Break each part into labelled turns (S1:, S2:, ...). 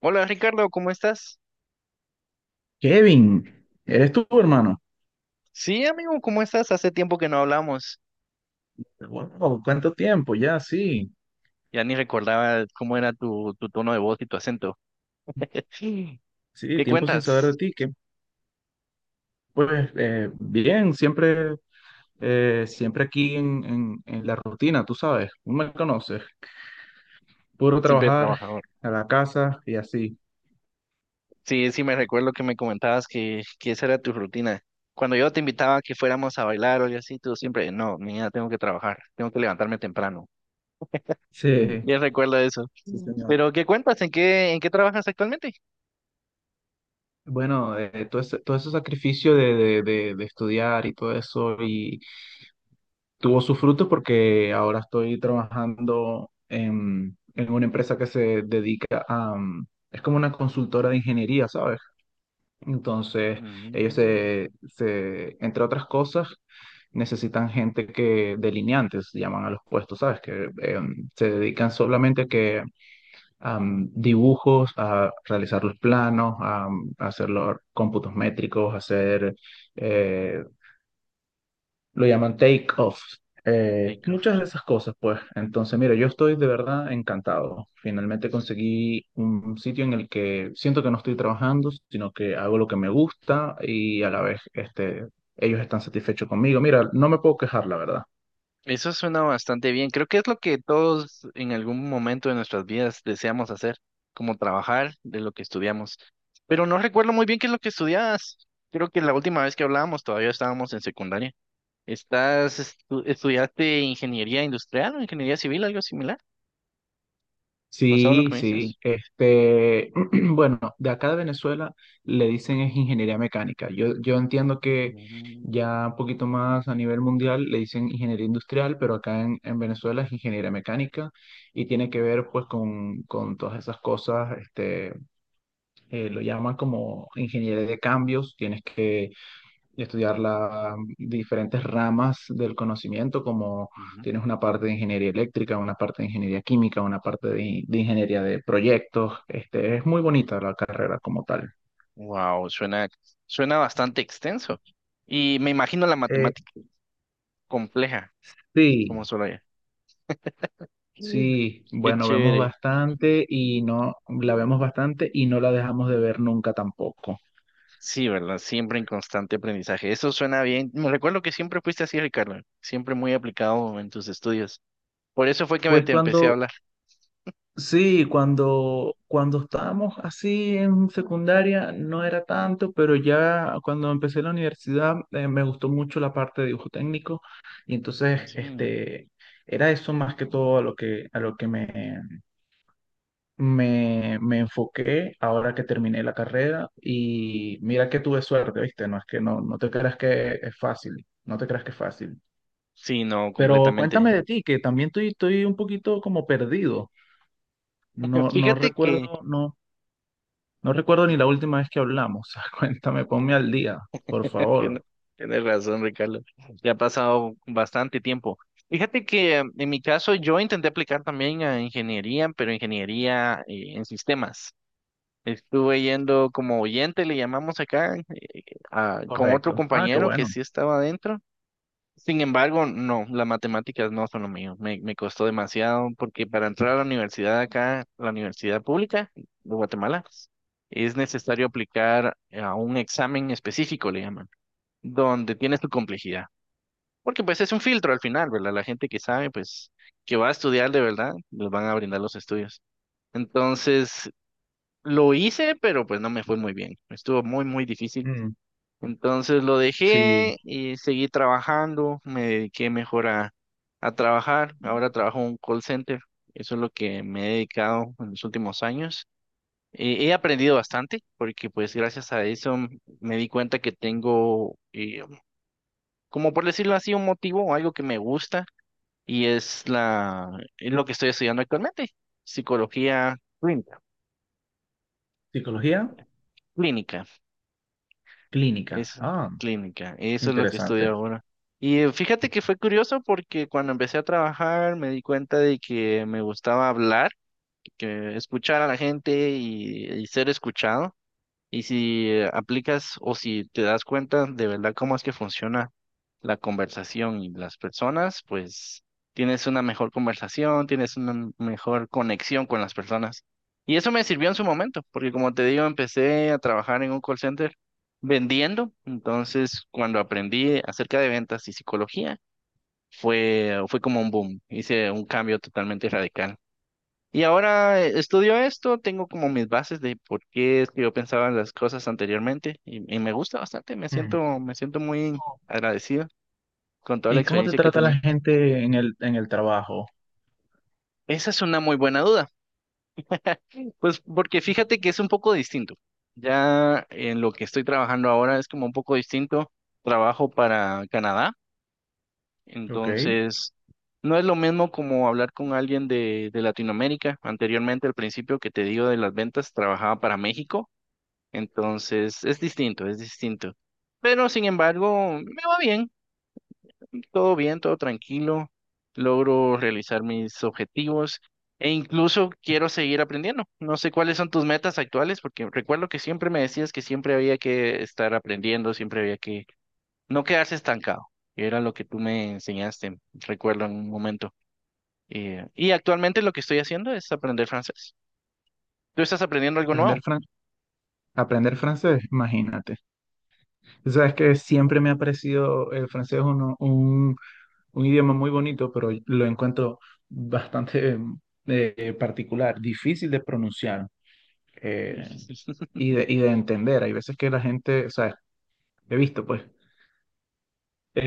S1: Hola, Ricardo, ¿cómo estás?
S2: Kevin, ¿eres tú, hermano?
S1: Sí, amigo, ¿cómo estás? Hace tiempo que no hablamos.
S2: Wow, ¿cuánto tiempo? Ya, sí,
S1: Ya ni recordaba cómo era tu tono de voz y tu acento. Sí.
S2: sí,
S1: ¿Qué
S2: tiempo sin saber de
S1: cuentas?
S2: ti. Que, pues bien, siempre, siempre aquí en la rutina, tú sabes, no me conoces. Puro
S1: Siempre
S2: trabajar
S1: trabajador.
S2: a la casa y así.
S1: Sí, sí, me recuerdo que me comentabas que esa era tu rutina. Cuando yo te invitaba a que fuéramos a bailar o algo así, tú siempre, no, mira, tengo que trabajar, tengo que levantarme temprano. Mm.
S2: Sí,
S1: Bien recuerdo eso.
S2: sí,
S1: Mm.
S2: señor.
S1: Pero ¿qué cuentas? ¿En qué trabajas actualmente?
S2: Bueno, todo ese sacrificio de estudiar y todo eso tuvo sus frutos porque ahora estoy trabajando en una empresa que se dedica a... es como una consultora de ingeniería, ¿sabes? Entonces, ellos
S1: Mm,
S2: se, se, entre otras cosas, necesitan gente que, delineantes, llaman a los puestos, ¿sabes? Que se dedican solamente a que, a dibujos, a realizar los planos, a, hacer los cómputos métricos, hacer eh, lo llaman take off.
S1: rico.
S2: Muchas de esas cosas, pues. Entonces, mira, yo estoy de verdad encantado. Finalmente conseguí un sitio en el que siento que no estoy trabajando, sino que hago lo que me gusta y a la vez, este, ellos están satisfechos conmigo. Mira, no me puedo quejar, la verdad.
S1: Eso suena bastante bien. Creo que es lo que todos en algún momento de nuestras vidas deseamos hacer, como trabajar de lo que estudiamos. Pero no recuerdo muy bien qué es lo que estudiabas. Creo que la última vez que hablábamos todavía estábamos en secundaria. Estudiaste ingeniería industrial o ingeniería civil, algo similar? Basado en lo que
S2: Sí,
S1: me
S2: sí.
S1: dices.
S2: Este, bueno, de acá de Venezuela le dicen es ingeniería mecánica. Yo entiendo que ya un poquito más a nivel mundial le dicen ingeniería industrial, pero acá en Venezuela es ingeniería mecánica y tiene que ver pues con todas esas cosas. Este, lo llaman como ingeniería de cambios. Tienes que y estudiar las diferentes ramas del conocimiento, como tienes una parte de ingeniería eléctrica, una parte de ingeniería química, una parte de ingeniería de proyectos. Este, es muy bonita la carrera como tal.
S1: Wow, suena suena bastante extenso. Y me imagino la
S2: Eh,
S1: matemática compleja, como
S2: sí,
S1: solo ella. Mm.
S2: sí,
S1: Qué
S2: bueno, vemos
S1: chévere.
S2: bastante y no, la vemos bastante y no la dejamos de ver nunca tampoco.
S1: Sí, ¿verdad? Siempre en constante aprendizaje. Eso suena bien. Me recuerdo que siempre fuiste así, Ricardo. Siempre muy aplicado en tus estudios. Por eso fue que me
S2: Pues
S1: te empecé a
S2: cuando
S1: hablar.
S2: Sí, cuando, cuando estábamos así en secundaria no era tanto, pero ya cuando empecé la universidad me gustó mucho la parte de dibujo técnico y entonces
S1: Sí,
S2: este, era eso más que todo a lo que me enfoqué ahora que terminé la carrera y mira que tuve suerte, ¿viste? No es que no, no te creas que es fácil, no te creas que es fácil.
S1: sí, no,
S2: Pero cuéntame
S1: completamente.
S2: de ti, que también estoy un poquito como perdido. No, no
S1: Fíjate que...
S2: recuerdo, no. No recuerdo ni la última vez que hablamos. Cuéntame, ponme al día, por
S1: Tienes
S2: favor.
S1: tienes razón, Ricardo. Ya ha pasado bastante tiempo. Fíjate que en mi caso yo intenté aplicar también a ingeniería, pero ingeniería en sistemas. Estuve yendo como oyente, le llamamos acá, con otro
S2: Correcto. Ah, qué
S1: compañero que
S2: bueno.
S1: sí estaba adentro. Sin embargo, no, las matemáticas no son lo mío. Me costó demasiado porque para entrar a la universidad acá, la universidad pública de Guatemala, es necesario aplicar a un examen específico, le llaman, donde tienes tu complejidad. Porque pues es un filtro al final, ¿verdad? La gente que sabe, pues, que va a estudiar de verdad, les van a brindar los estudios. Entonces, lo hice, pero pues no me fue muy bien. Estuvo muy, muy difícil.
S2: Mm,
S1: Entonces lo
S2: sí,
S1: dejé y seguí trabajando, me dediqué mejor a trabajar. Ahora trabajo en un call center. Eso es lo que me he dedicado en los últimos años. He aprendido bastante porque pues gracias a eso me di cuenta que tengo, como por decirlo así, un motivo o algo que me gusta y es lo que estoy estudiando actualmente, psicología clínica.
S2: psicología
S1: Clínica.
S2: clínica.
S1: Es
S2: Ah,
S1: clínica, eso es lo que estudio
S2: interesante.
S1: ahora. Y fíjate que fue curioso porque cuando empecé a trabajar me di cuenta de que me gustaba hablar, que escuchar a la gente y ser escuchado. Y si aplicas o si te das cuenta de verdad cómo es que funciona la conversación y las personas, pues tienes una mejor conversación, tienes una mejor conexión con las personas. Y eso me sirvió en su momento, porque como te digo, empecé a trabajar en un call center vendiendo. Entonces, cuando aprendí acerca de ventas y psicología, fue como un boom. Hice un cambio totalmente radical. Y ahora estudio esto, tengo como mis bases de por qué es que yo pensaba en las cosas anteriormente y me gusta bastante,
S2: Mm.
S1: me siento muy agradecido con toda la
S2: ¿Y cómo te
S1: experiencia que
S2: trata la
S1: tenía.
S2: gente en el trabajo?
S1: Esa es una muy buena duda, pues porque fíjate que es un poco distinto. Ya en lo que estoy trabajando ahora es como un poco distinto. Trabajo para Canadá,
S2: Ok.
S1: entonces no es lo mismo como hablar con alguien de Latinoamérica. Anteriormente, al principio que te digo de las ventas, trabajaba para México. Entonces, es distinto, es distinto. Pero sin embargo, me va bien, todo tranquilo. Logro realizar mis objetivos e incluso quiero seguir aprendiendo. No sé cuáles son tus metas actuales, porque recuerdo que siempre me decías que siempre había que estar aprendiendo, siempre había que no quedarse estancado. Que Era lo que tú me enseñaste, recuerdo en un momento. Y actualmente lo que estoy haciendo es aprender francés. ¿Tú estás aprendiendo algo
S2: Aprender,
S1: nuevo?
S2: fran- aprender francés, imagínate. Tú sabes que siempre me ha parecido el francés un idioma muy bonito, pero lo encuentro bastante particular, difícil de pronunciar. Eh, y de, y de entender. Hay veces que la gente, o sea, he visto pues,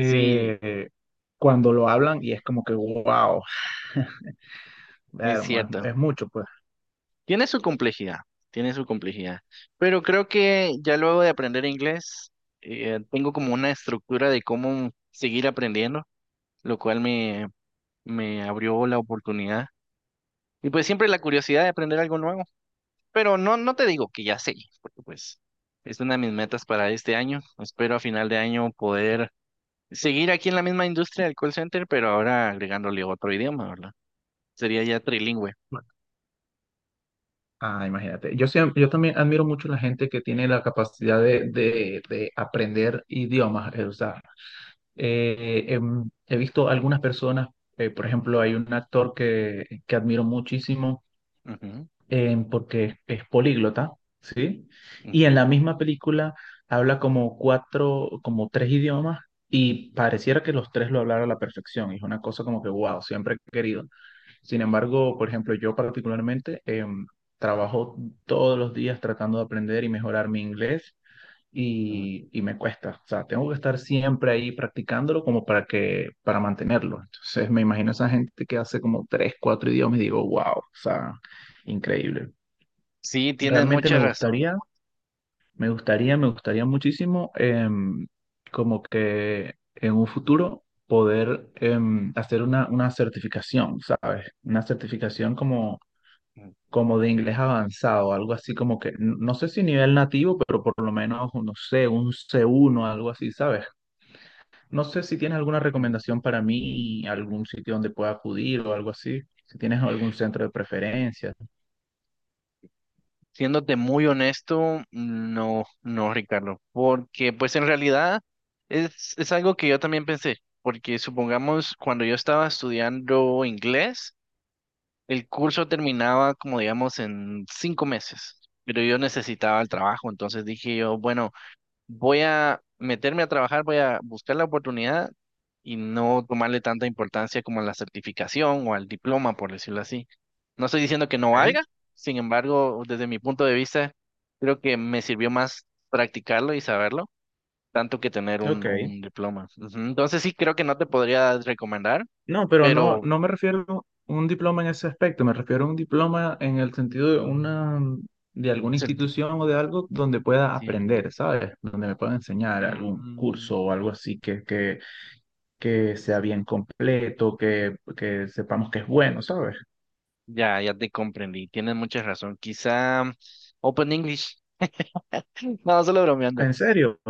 S1: Sí,
S2: cuando lo hablan y es como que, wow,
S1: es
S2: vermo,
S1: cierto.
S2: es mucho pues.
S1: Tiene su complejidad, tiene su complejidad, pero creo que ya luego de aprender inglés, tengo como una estructura de cómo seguir aprendiendo, lo cual me abrió la oportunidad. Y pues siempre la curiosidad de aprender algo nuevo, pero no, no te digo que ya sé, porque pues es una de mis metas para este año. Espero a final de año poder seguir aquí en la misma industria del call center, pero ahora agregándole otro idioma, ¿verdad? Sería ya trilingüe.
S2: Ah, imagínate. Yo, siempre, yo también admiro mucho la gente que tiene la capacidad de aprender idiomas. O sea, he visto algunas personas, por ejemplo, hay un actor que admiro muchísimo
S1: Ujú,
S2: porque es políglota, ¿sí? Y en
S1: ujú,
S2: la misma película habla como cuatro, como tres idiomas y pareciera que los tres lo hablara a la perfección. Y es una cosa como que, wow, siempre he querido. Sin embargo, por ejemplo, yo particularmente trabajo todos los días tratando de aprender y mejorar mi inglés.
S1: ujú.
S2: Y me cuesta, o sea, tengo que estar siempre ahí practicándolo como para que, para mantenerlo. Entonces me imagino esa gente que hace como tres, cuatro idiomas y digo, wow, o sea, increíble.
S1: Sí, tienes
S2: Realmente
S1: mucha
S2: me
S1: razón.
S2: gustaría, me gustaría, me gustaría muchísimo como que en un futuro poder hacer una certificación, ¿sabes? Una certificación como,
S1: Mm.
S2: como de inglés avanzado, algo así como que, no sé si nivel nativo, pero por lo menos, no sé, un C1, algo así, ¿sabes? No sé si tienes alguna
S1: Mm.
S2: recomendación para mí, algún sitio donde pueda acudir o algo así, si tienes algún centro de preferencia.
S1: Siéndote muy honesto, no, no, Ricardo, porque pues en realidad es algo que yo también pensé, porque supongamos cuando yo estaba estudiando inglés, el curso terminaba como digamos en 5 meses, pero yo necesitaba el trabajo, entonces dije yo, bueno, voy a meterme a trabajar, voy a buscar la oportunidad y no tomarle tanta importancia como a la certificación o al diploma, por decirlo así. No estoy diciendo que no
S2: Ok,
S1: valga, sin embargo, desde mi punto de vista, creo que me sirvió más practicarlo y saberlo, tanto que tener
S2: ok.
S1: un diploma. Ujú. Entonces sí, creo que no te podría recomendar,
S2: No, pero no,
S1: pero...
S2: no me refiero a un diploma en ese aspecto, me refiero a un diploma en el sentido de una, de alguna
S1: certi-
S2: institución o de algo donde pueda
S1: sí, ajá.
S2: aprender, ¿sabes? Donde me pueda enseñar algún
S1: Mm,
S2: curso o algo así que sea bien completo, que sepamos que es bueno, ¿sabes?
S1: ya, ya te comprendí, tienes mucha razón. Quizá Open English. No, solo bromeando.
S2: ¿En serio?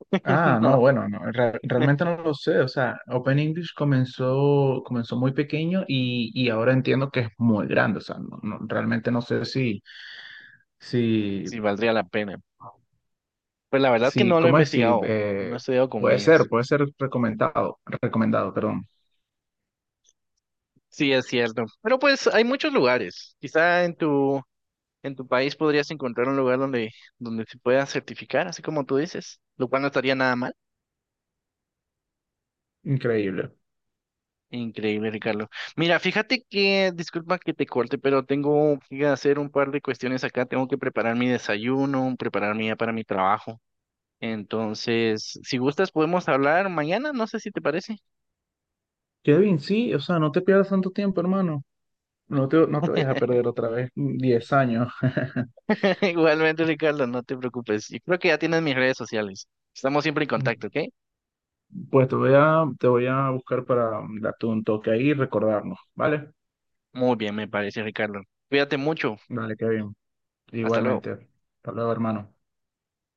S2: Ah,
S1: No.
S2: no, bueno, no, realmente no lo sé. O sea, Open English comenzó, comenzó muy pequeño y ahora entiendo que es muy grande. O sea, no, realmente no sé si, si
S1: Sí, valdría la pena. Pues la verdad que
S2: sí,
S1: no lo he
S2: ¿cómo es? Sí,
S1: investigado, no he estudiado con ellas.
S2: puede ser recomendado, recomendado, perdón.
S1: Sí, es cierto. Pero pues hay muchos lugares. Quizá en en tu país podrías encontrar un lugar donde se pueda certificar, así como tú dices, lo cual no estaría nada mal.
S2: Increíble.
S1: Increíble, Ricardo. Mira, fíjate que, disculpa que te corte, pero tengo que hacer un par de cuestiones acá. Tengo que preparar mi desayuno, prepararme ya para mi trabajo. Entonces, si gustas, podemos hablar mañana, no sé si te parece.
S2: Kevin, sí, o sea, no te pierdas tanto tiempo, hermano. No te vayas a perder otra vez 10 años.
S1: Igualmente, Ricardo, no te preocupes. Yo creo que ya tienes mis redes sociales. Estamos siempre en contacto, ¿ok?
S2: Pues te voy a buscar para darte un toque ahí y recordarnos, ¿vale?
S1: Muy bien, me parece, Ricardo. Cuídate mucho.
S2: Vale, Kevin.
S1: Hasta luego.
S2: Igualmente. Hasta luego, hermano.